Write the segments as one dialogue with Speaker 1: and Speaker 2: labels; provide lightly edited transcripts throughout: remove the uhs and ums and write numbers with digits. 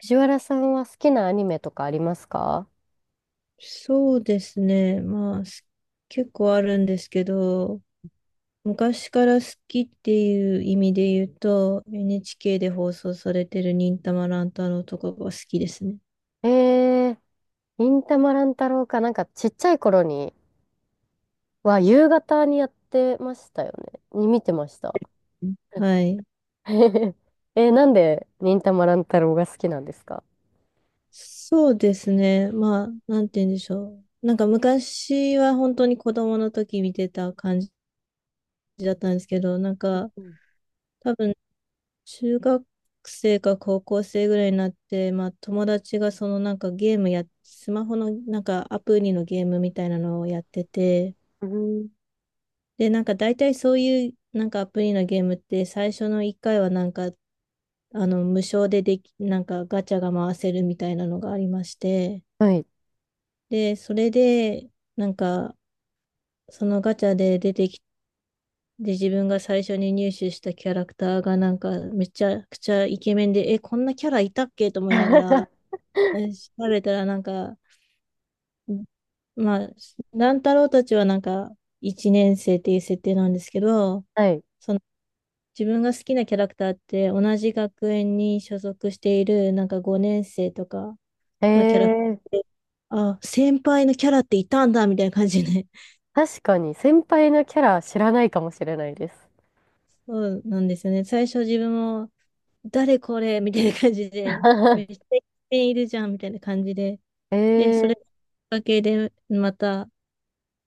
Speaker 1: 藤原さんは好きなアニメとかありますか？
Speaker 2: そうですね。結構あるんですけど、昔から好きっていう意味で言うと、NHK で放送されてる忍たま乱太郎とかが好きですね。
Speaker 1: えー、忍たま乱太郎か、ちっちゃい頃には夕方にやってましたよね。に見てました。
Speaker 2: はい。
Speaker 1: なんで忍たま乱太郎が好きなんですか？
Speaker 2: そうですね。まあ、なんて言うんでしょう。なんか昔は本当に子供の時見てた感じだったんですけど、なんか多分中学生か高校生ぐらいになって、まあ友達がそのなんかゲームや、スマホのなんかアプリのゲームみたいなのをやってて、
Speaker 1: うん。
Speaker 2: で、なんか大体そういうなんかアプリのゲームって最初の1回はなんかあの無償ででき、なんかガチャが回せるみたいなのがありまして、
Speaker 1: はい。
Speaker 2: で、それでなんかそのガチャで出てきて、で、自分が最初に入手したキャラクターがなんかめちゃくちゃイケメンで、え、こんなキャラいたっけと思いながら、出されたらなんか、まあ、乱太郎たちはなんか、一年生っていう設定なんですけど、
Speaker 1: はい。
Speaker 2: その自分が好きなキャラクターって同じ学園に所属しているなんか5年生とか
Speaker 1: え
Speaker 2: のキャラク
Speaker 1: ー、
Speaker 2: ターあ、先輩のキャラっていたんだみたいな感じで、
Speaker 1: 確かに先輩のキャラ知らないかもしれないです。
Speaker 2: そうなんですよね。最初自分も、誰これみたいな感じで、めっち ゃいるじゃんみたいな感じで、
Speaker 1: え
Speaker 2: で、それ
Speaker 1: ー、
Speaker 2: だけでまた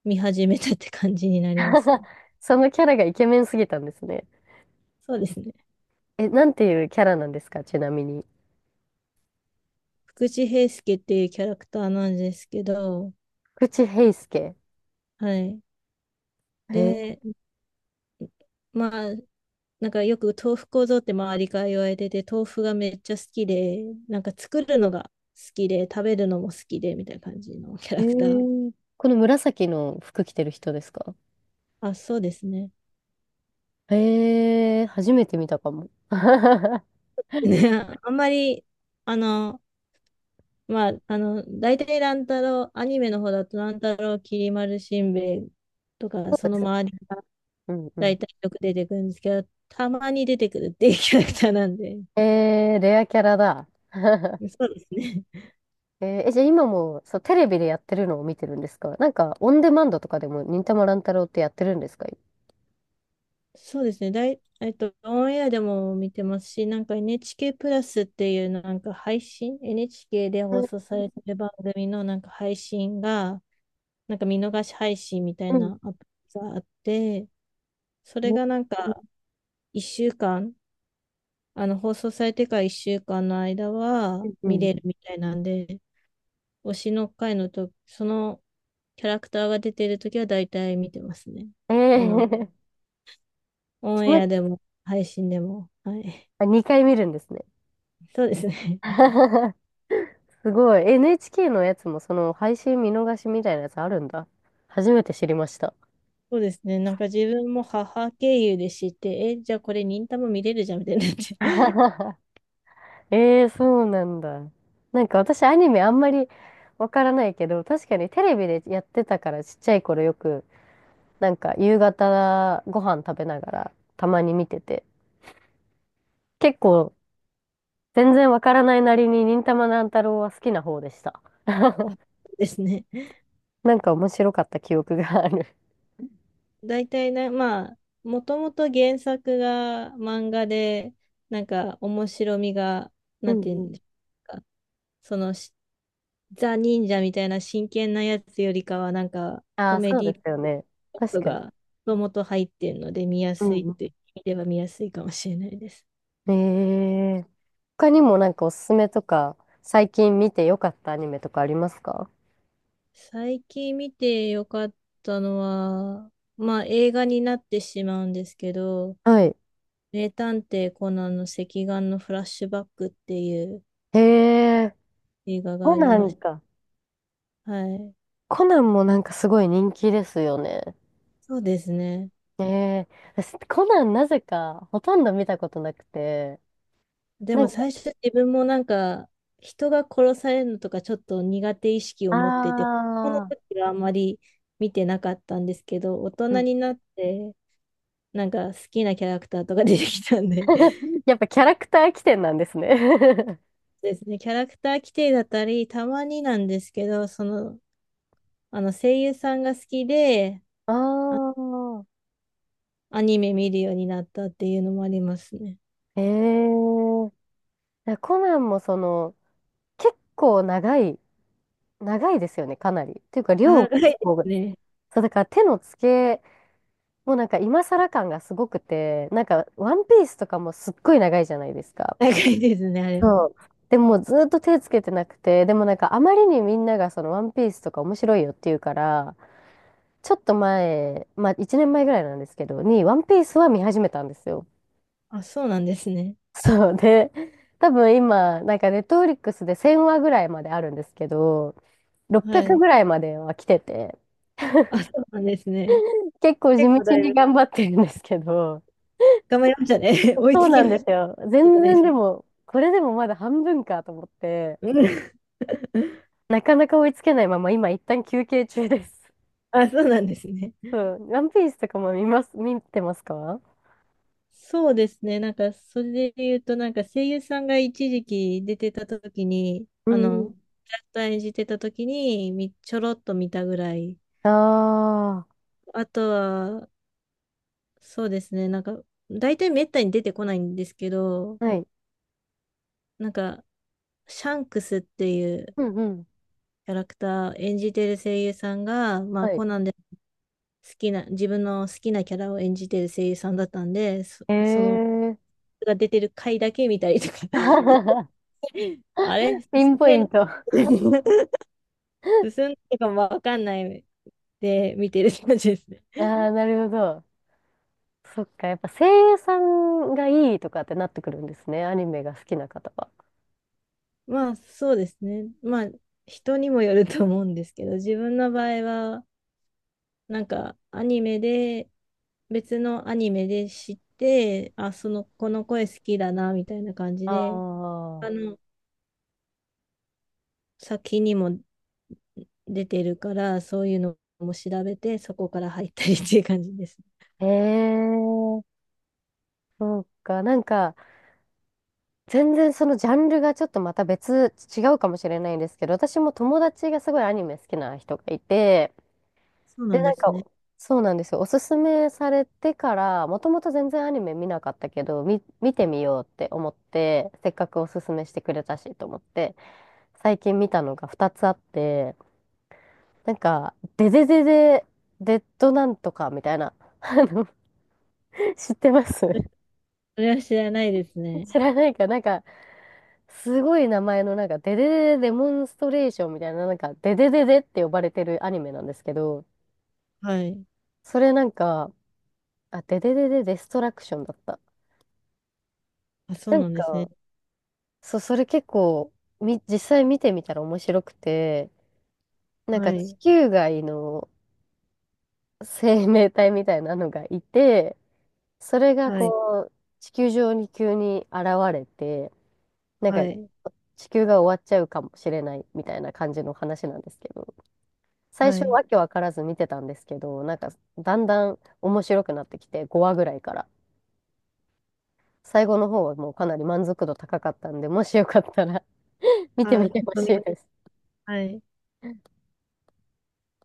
Speaker 2: 見始めたって感じになりますね。
Speaker 1: そのキャラがイケメンすぎたんですね。
Speaker 2: そうですね。
Speaker 1: え、なんていうキャラなんですか、ちなみに。
Speaker 2: 福地平介っていうキャラクターなんですけど、
Speaker 1: 口平助。
Speaker 2: はい。
Speaker 1: へ
Speaker 2: で、まあ、なんかよく豆腐構造って周りから言われてて、豆腐がめっちゃ好きで、なんか作るのが好きで、食べるのも好きで、みたいな感じのキャ
Speaker 1: え
Speaker 2: ラクター。
Speaker 1: ー、この紫の服着てる人ですか？
Speaker 2: あ、そうですね。
Speaker 1: 初めて見たかも。
Speaker 2: ね、ああんまり、あの、まあ、あの、大体乱太郎、アニメの方だと乱太郎、きり丸しんべヱとか、
Speaker 1: そ
Speaker 2: そ
Speaker 1: うで
Speaker 2: の
Speaker 1: すよ。
Speaker 2: 周りが
Speaker 1: うんうん。
Speaker 2: 大体よく出てくるんですけど、たまに出てくるっていうキャラクターなんで、
Speaker 1: レアキャラだ。
Speaker 2: そうですね。
Speaker 1: じゃあ今もそうテレビでやってるのを見てるんですか？オンデマンドとかでも忍たま乱太郎ってやってるんですか？
Speaker 2: そうですね。だい、えっと、オンエアでも見てますし、なんか NHK プラスっていうなんか配信、NHK で
Speaker 1: う
Speaker 2: 放
Speaker 1: ん。
Speaker 2: 送されてる番組のなんか配信が、なんか見逃し配信みたい
Speaker 1: うん。
Speaker 2: なアプリがあって、それ
Speaker 1: う
Speaker 2: がな
Speaker 1: ん。
Speaker 2: んか1週間、あの放送されてから1週間の間は
Speaker 1: う
Speaker 2: 見
Speaker 1: ん。
Speaker 2: れるみたいなんで、推しの回のと、そのキャラクターが出てるときは大体見てますね。
Speaker 1: え
Speaker 2: あの、
Speaker 1: ー、
Speaker 2: オ
Speaker 1: そ
Speaker 2: ンエ
Speaker 1: の、
Speaker 2: アでも配信でも。はい。
Speaker 1: あ、2回見るんですね。
Speaker 2: そうですね。
Speaker 1: すごい。NHK のやつもその配信見逃しみたいなやつあるんだ。初めて知りました。
Speaker 2: そうですね。なんか自分も母経由で知って、え、じゃあこれ忍たま見れるじゃんみたいになって。
Speaker 1: ええ、そうなんだ。私アニメあんまりわからないけど、確かにテレビでやってたからちっちゃい頃よく、夕方ご飯食べながらたまに見てて、結構全然わからないなりに忍たま乱太郎は好きな方でした。
Speaker 2: あそ うですね。
Speaker 1: 面白かった記憶がある。
Speaker 2: 大体な、まあ、もともと原作が漫画で、なんか面白みが、
Speaker 1: う
Speaker 2: なん
Speaker 1: ん
Speaker 2: ていう
Speaker 1: う
Speaker 2: ん
Speaker 1: ん。
Speaker 2: ですか、そのし、ザ・忍者みたいな真剣なやつよりかは、なんか
Speaker 1: あ
Speaker 2: コ
Speaker 1: あ、
Speaker 2: メ
Speaker 1: そう
Speaker 2: デ
Speaker 1: で
Speaker 2: ィ
Speaker 1: すよね。
Speaker 2: パー
Speaker 1: 確
Speaker 2: ト
Speaker 1: かに。
Speaker 2: がもともと入ってるので、見や
Speaker 1: うん
Speaker 2: すいっ
Speaker 1: う
Speaker 2: ていう意味では見やすいかもしれないです。
Speaker 1: ん。他にもなんかおすすめとか、最近見てよかったアニメとかありますか？
Speaker 2: 最近見てよかったのは、まあ映画になってしまうんですけど、
Speaker 1: はい。
Speaker 2: 名探偵コナンの赤眼のフラッシュバックっていう
Speaker 1: へえ。
Speaker 2: 映画が
Speaker 1: コ
Speaker 2: あり
Speaker 1: ナ
Speaker 2: ま
Speaker 1: ン
Speaker 2: し
Speaker 1: か。
Speaker 2: た。はい。
Speaker 1: コナンもなんかすごい人気ですよね。
Speaker 2: そうですね。
Speaker 1: ええ、私、コナンなぜかほとんど見たことなくて、
Speaker 2: で
Speaker 1: な
Speaker 2: も
Speaker 1: んか、
Speaker 2: 最初自分もなんか人が殺されるのとかちょっと苦手意識を持ってて、
Speaker 1: あ
Speaker 2: この
Speaker 1: あ、
Speaker 2: 時はあまり見てなかったんですけど、大人
Speaker 1: うん。
Speaker 2: になってなんか好きなキャラクターとか出てきたんで、
Speaker 1: やっぱキャラクター起点なんですね。
Speaker 2: そうですね、キャラクター規定だったり、たまになんですけど、その、あの声優さんが好きで、
Speaker 1: ああ、
Speaker 2: アニメ見るようになったっていうのもありますね。
Speaker 1: ええ、いやコナンもその、結構長い、長いですよね、かなり。っていうか、量
Speaker 2: 長い
Speaker 1: もす
Speaker 2: で
Speaker 1: ご
Speaker 2: す
Speaker 1: い。
Speaker 2: ね。
Speaker 1: そう、だから手の付け、もうなんか今更感がすごくて、なんか、ワンピースとかもすっごい長いじゃないですか。
Speaker 2: 長いですね、あれ
Speaker 1: そ
Speaker 2: も。
Speaker 1: う。でもずっと手つけてなくて、でもなんかあまりにみんながそのワンピースとか面白いよって言うから、ちょっと前、まあ1年前ぐらいなんですけど、にワンピースは見始めたんですよ。
Speaker 2: あ、そうなんですね。
Speaker 1: そうで、多分今、なんかネットフリックスで1000話ぐらいまであるんですけど、
Speaker 2: は
Speaker 1: 600
Speaker 2: い。
Speaker 1: ぐらいまでは来てて、
Speaker 2: あ、そうなんですね。
Speaker 1: 結構地
Speaker 2: 結構
Speaker 1: 道
Speaker 2: だい
Speaker 1: に
Speaker 2: ぶ
Speaker 1: 頑張ってるんですけど、
Speaker 2: 頑張りましたね。追い
Speaker 1: そう
Speaker 2: つき
Speaker 1: なん
Speaker 2: ま
Speaker 1: で
Speaker 2: し
Speaker 1: すよ。
Speaker 2: たじ
Speaker 1: 全
Speaker 2: ゃないで
Speaker 1: 然
Speaker 2: すか。
Speaker 1: でも、これでもまだ半分かと思って、
Speaker 2: うん。
Speaker 1: なかなか追いつけないまま今一旦休憩中です。
Speaker 2: あ、そうなんですね。
Speaker 1: うん。ワンピースとかも見ます、見てますか？
Speaker 2: そうですね。なんか、それで言うと、なんか声優さんが一時期出てた時に、
Speaker 1: う
Speaker 2: あ
Speaker 1: んう
Speaker 2: の、
Speaker 1: ん。
Speaker 2: キャラクター演じてた時に、ちょろっと見たぐらい。
Speaker 1: あ
Speaker 2: あとは、そうですね。なんか、大体めったに出てこないんですけど、
Speaker 1: あ、はい。
Speaker 2: なんか、シャンクスっていう
Speaker 1: うんうん。
Speaker 2: キャラクター演じてる声優さんが、ま
Speaker 1: は
Speaker 2: あ、
Speaker 1: い。
Speaker 2: コナンで好きな、自分の好きなキャラを演じてる声優さんだったんで、その、
Speaker 1: ええ
Speaker 2: が出てる回だけ見たりとか。
Speaker 1: ー、
Speaker 2: あれ進
Speaker 1: ピン
Speaker 2: ん
Speaker 1: ポ
Speaker 2: で
Speaker 1: イ
Speaker 2: ない
Speaker 1: ント。あ
Speaker 2: 進んでるかもわかんないで見てる感じですね。
Speaker 1: あ、なるほど。そっか、やっぱ声優さんがいいとかってなってくるんですね。アニメが好きな方は。
Speaker 2: まあそうですね。まあ人にもよると思うんですけど、自分の場合はなんかアニメで別のアニメで知って、あ、そのこの声好きだなみたいな感じ
Speaker 1: あ
Speaker 2: で、あの先にも出てるからそういうのも調べてそこから入ったりっていう感じですね。
Speaker 1: あ。へえ、そうか。なんか、全然そのジャンルがちょっとまた別、違うかもしれないんですけど、私も友達がすごいアニメ好きな人がいて、
Speaker 2: そうな
Speaker 1: で、
Speaker 2: ん
Speaker 1: な
Speaker 2: で
Speaker 1: んか、
Speaker 2: すね。
Speaker 1: そうなんですよ。おすすめされてから、もともと全然アニメ見なかったけど、み、見てみようって思って、せっかくおすすめしてくれたしと思って、最近見たのが2つあって、なんか、デデデデ、デッドなんとかみたいな、あの、知ってます？
Speaker 2: それは知らないです ね。
Speaker 1: 知らないか、なんか、すごい名前の、なんか、デデデデデモンストレーションみたいな、なんか、デデデデって呼ばれてるアニメなんですけど、
Speaker 2: はい。
Speaker 1: それなんか、あ、デデデデデストラクションだった。
Speaker 2: あ、そ
Speaker 1: な
Speaker 2: う
Speaker 1: ん
Speaker 2: なんです
Speaker 1: か、
Speaker 2: ね。
Speaker 1: そう、それ結構、み、実際見てみたら面白くて、なん
Speaker 2: は
Speaker 1: か地
Speaker 2: い。
Speaker 1: 球外の生命体みたいなのがいて、それが
Speaker 2: はい。
Speaker 1: こう、地球上に急に現れて、なん
Speaker 2: は
Speaker 1: か
Speaker 2: い。
Speaker 1: 地球が終わっちゃうかもしれないみたいな感じの話なんですけど、最
Speaker 2: は
Speaker 1: 初
Speaker 2: い。
Speaker 1: わけわからず見てたんですけど、なんかだんだん面白くなってきて、5話ぐらいから。最後の方はもうかなり満足度高かったんで、もしよかったら 見て
Speaker 2: あ、
Speaker 1: み
Speaker 2: ちょ
Speaker 1: て
Speaker 2: っ
Speaker 1: ほ
Speaker 2: と
Speaker 1: し
Speaker 2: み、
Speaker 1: いです。
Speaker 2: はい。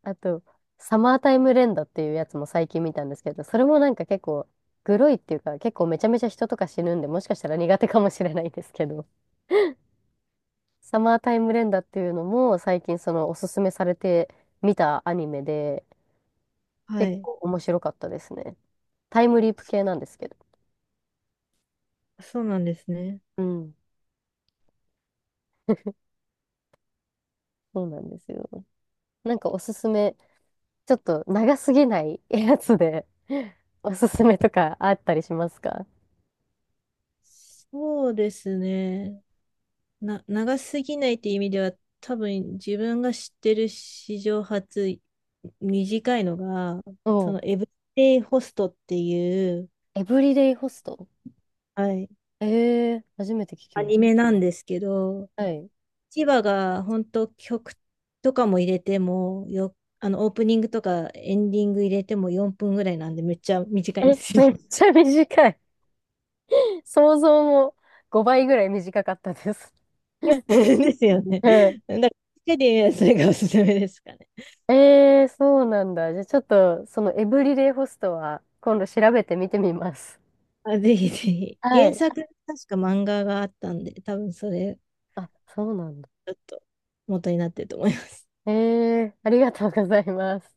Speaker 1: あと、サマータイム連打っていうやつも最近見たんですけど、それもなんか結構、グロいっていうか、結構めちゃめちゃ人とか死ぬんで、もしかしたら苦手かもしれないですけど、サマータイム連打っていうのも最近そのおすすめされて見たアニメで、
Speaker 2: は
Speaker 1: 結
Speaker 2: い。
Speaker 1: 構面白かったですね。タイムリープ系なんですけど。
Speaker 2: そうなんですね。
Speaker 1: うん、そうなんですよ。なんかおすすめ、ちょっと長すぎないやつで おすすめとかあったりしますか？
Speaker 2: そうですね。長すぎないっていう意味では、多分自分が知ってる史上初短いのが、
Speaker 1: う
Speaker 2: そ
Speaker 1: ん。
Speaker 2: のエブリデイホストっていう、
Speaker 1: エブリデイホスト？
Speaker 2: はい、
Speaker 1: ええー、初めて聞き
Speaker 2: ア
Speaker 1: まし
Speaker 2: ニ
Speaker 1: た。
Speaker 2: メなんですけど、
Speaker 1: はい。
Speaker 2: 1話が本当曲とかも入れてもよ、あのオープニングとかエンディング入れても4分ぐらいなんでめっちゃ短いんで
Speaker 1: え、
Speaker 2: すよ。
Speaker 1: めっちゃ短い。想像も5倍ぐらい短かったです。
Speaker 2: ですよね。
Speaker 1: うん。
Speaker 2: だから、手でそれがおすすめですかね。
Speaker 1: そうなんだ。じゃあちょっと、そのエブリデイホストは今度調べてみてみます。
Speaker 2: あ、ぜひぜひ。
Speaker 1: は
Speaker 2: 原
Speaker 1: い。
Speaker 2: 作、確か漫画があったんで、多分それ、
Speaker 1: あ、そうなんだ。
Speaker 2: ちょっと元になってると思います。
Speaker 1: えありがとうございます。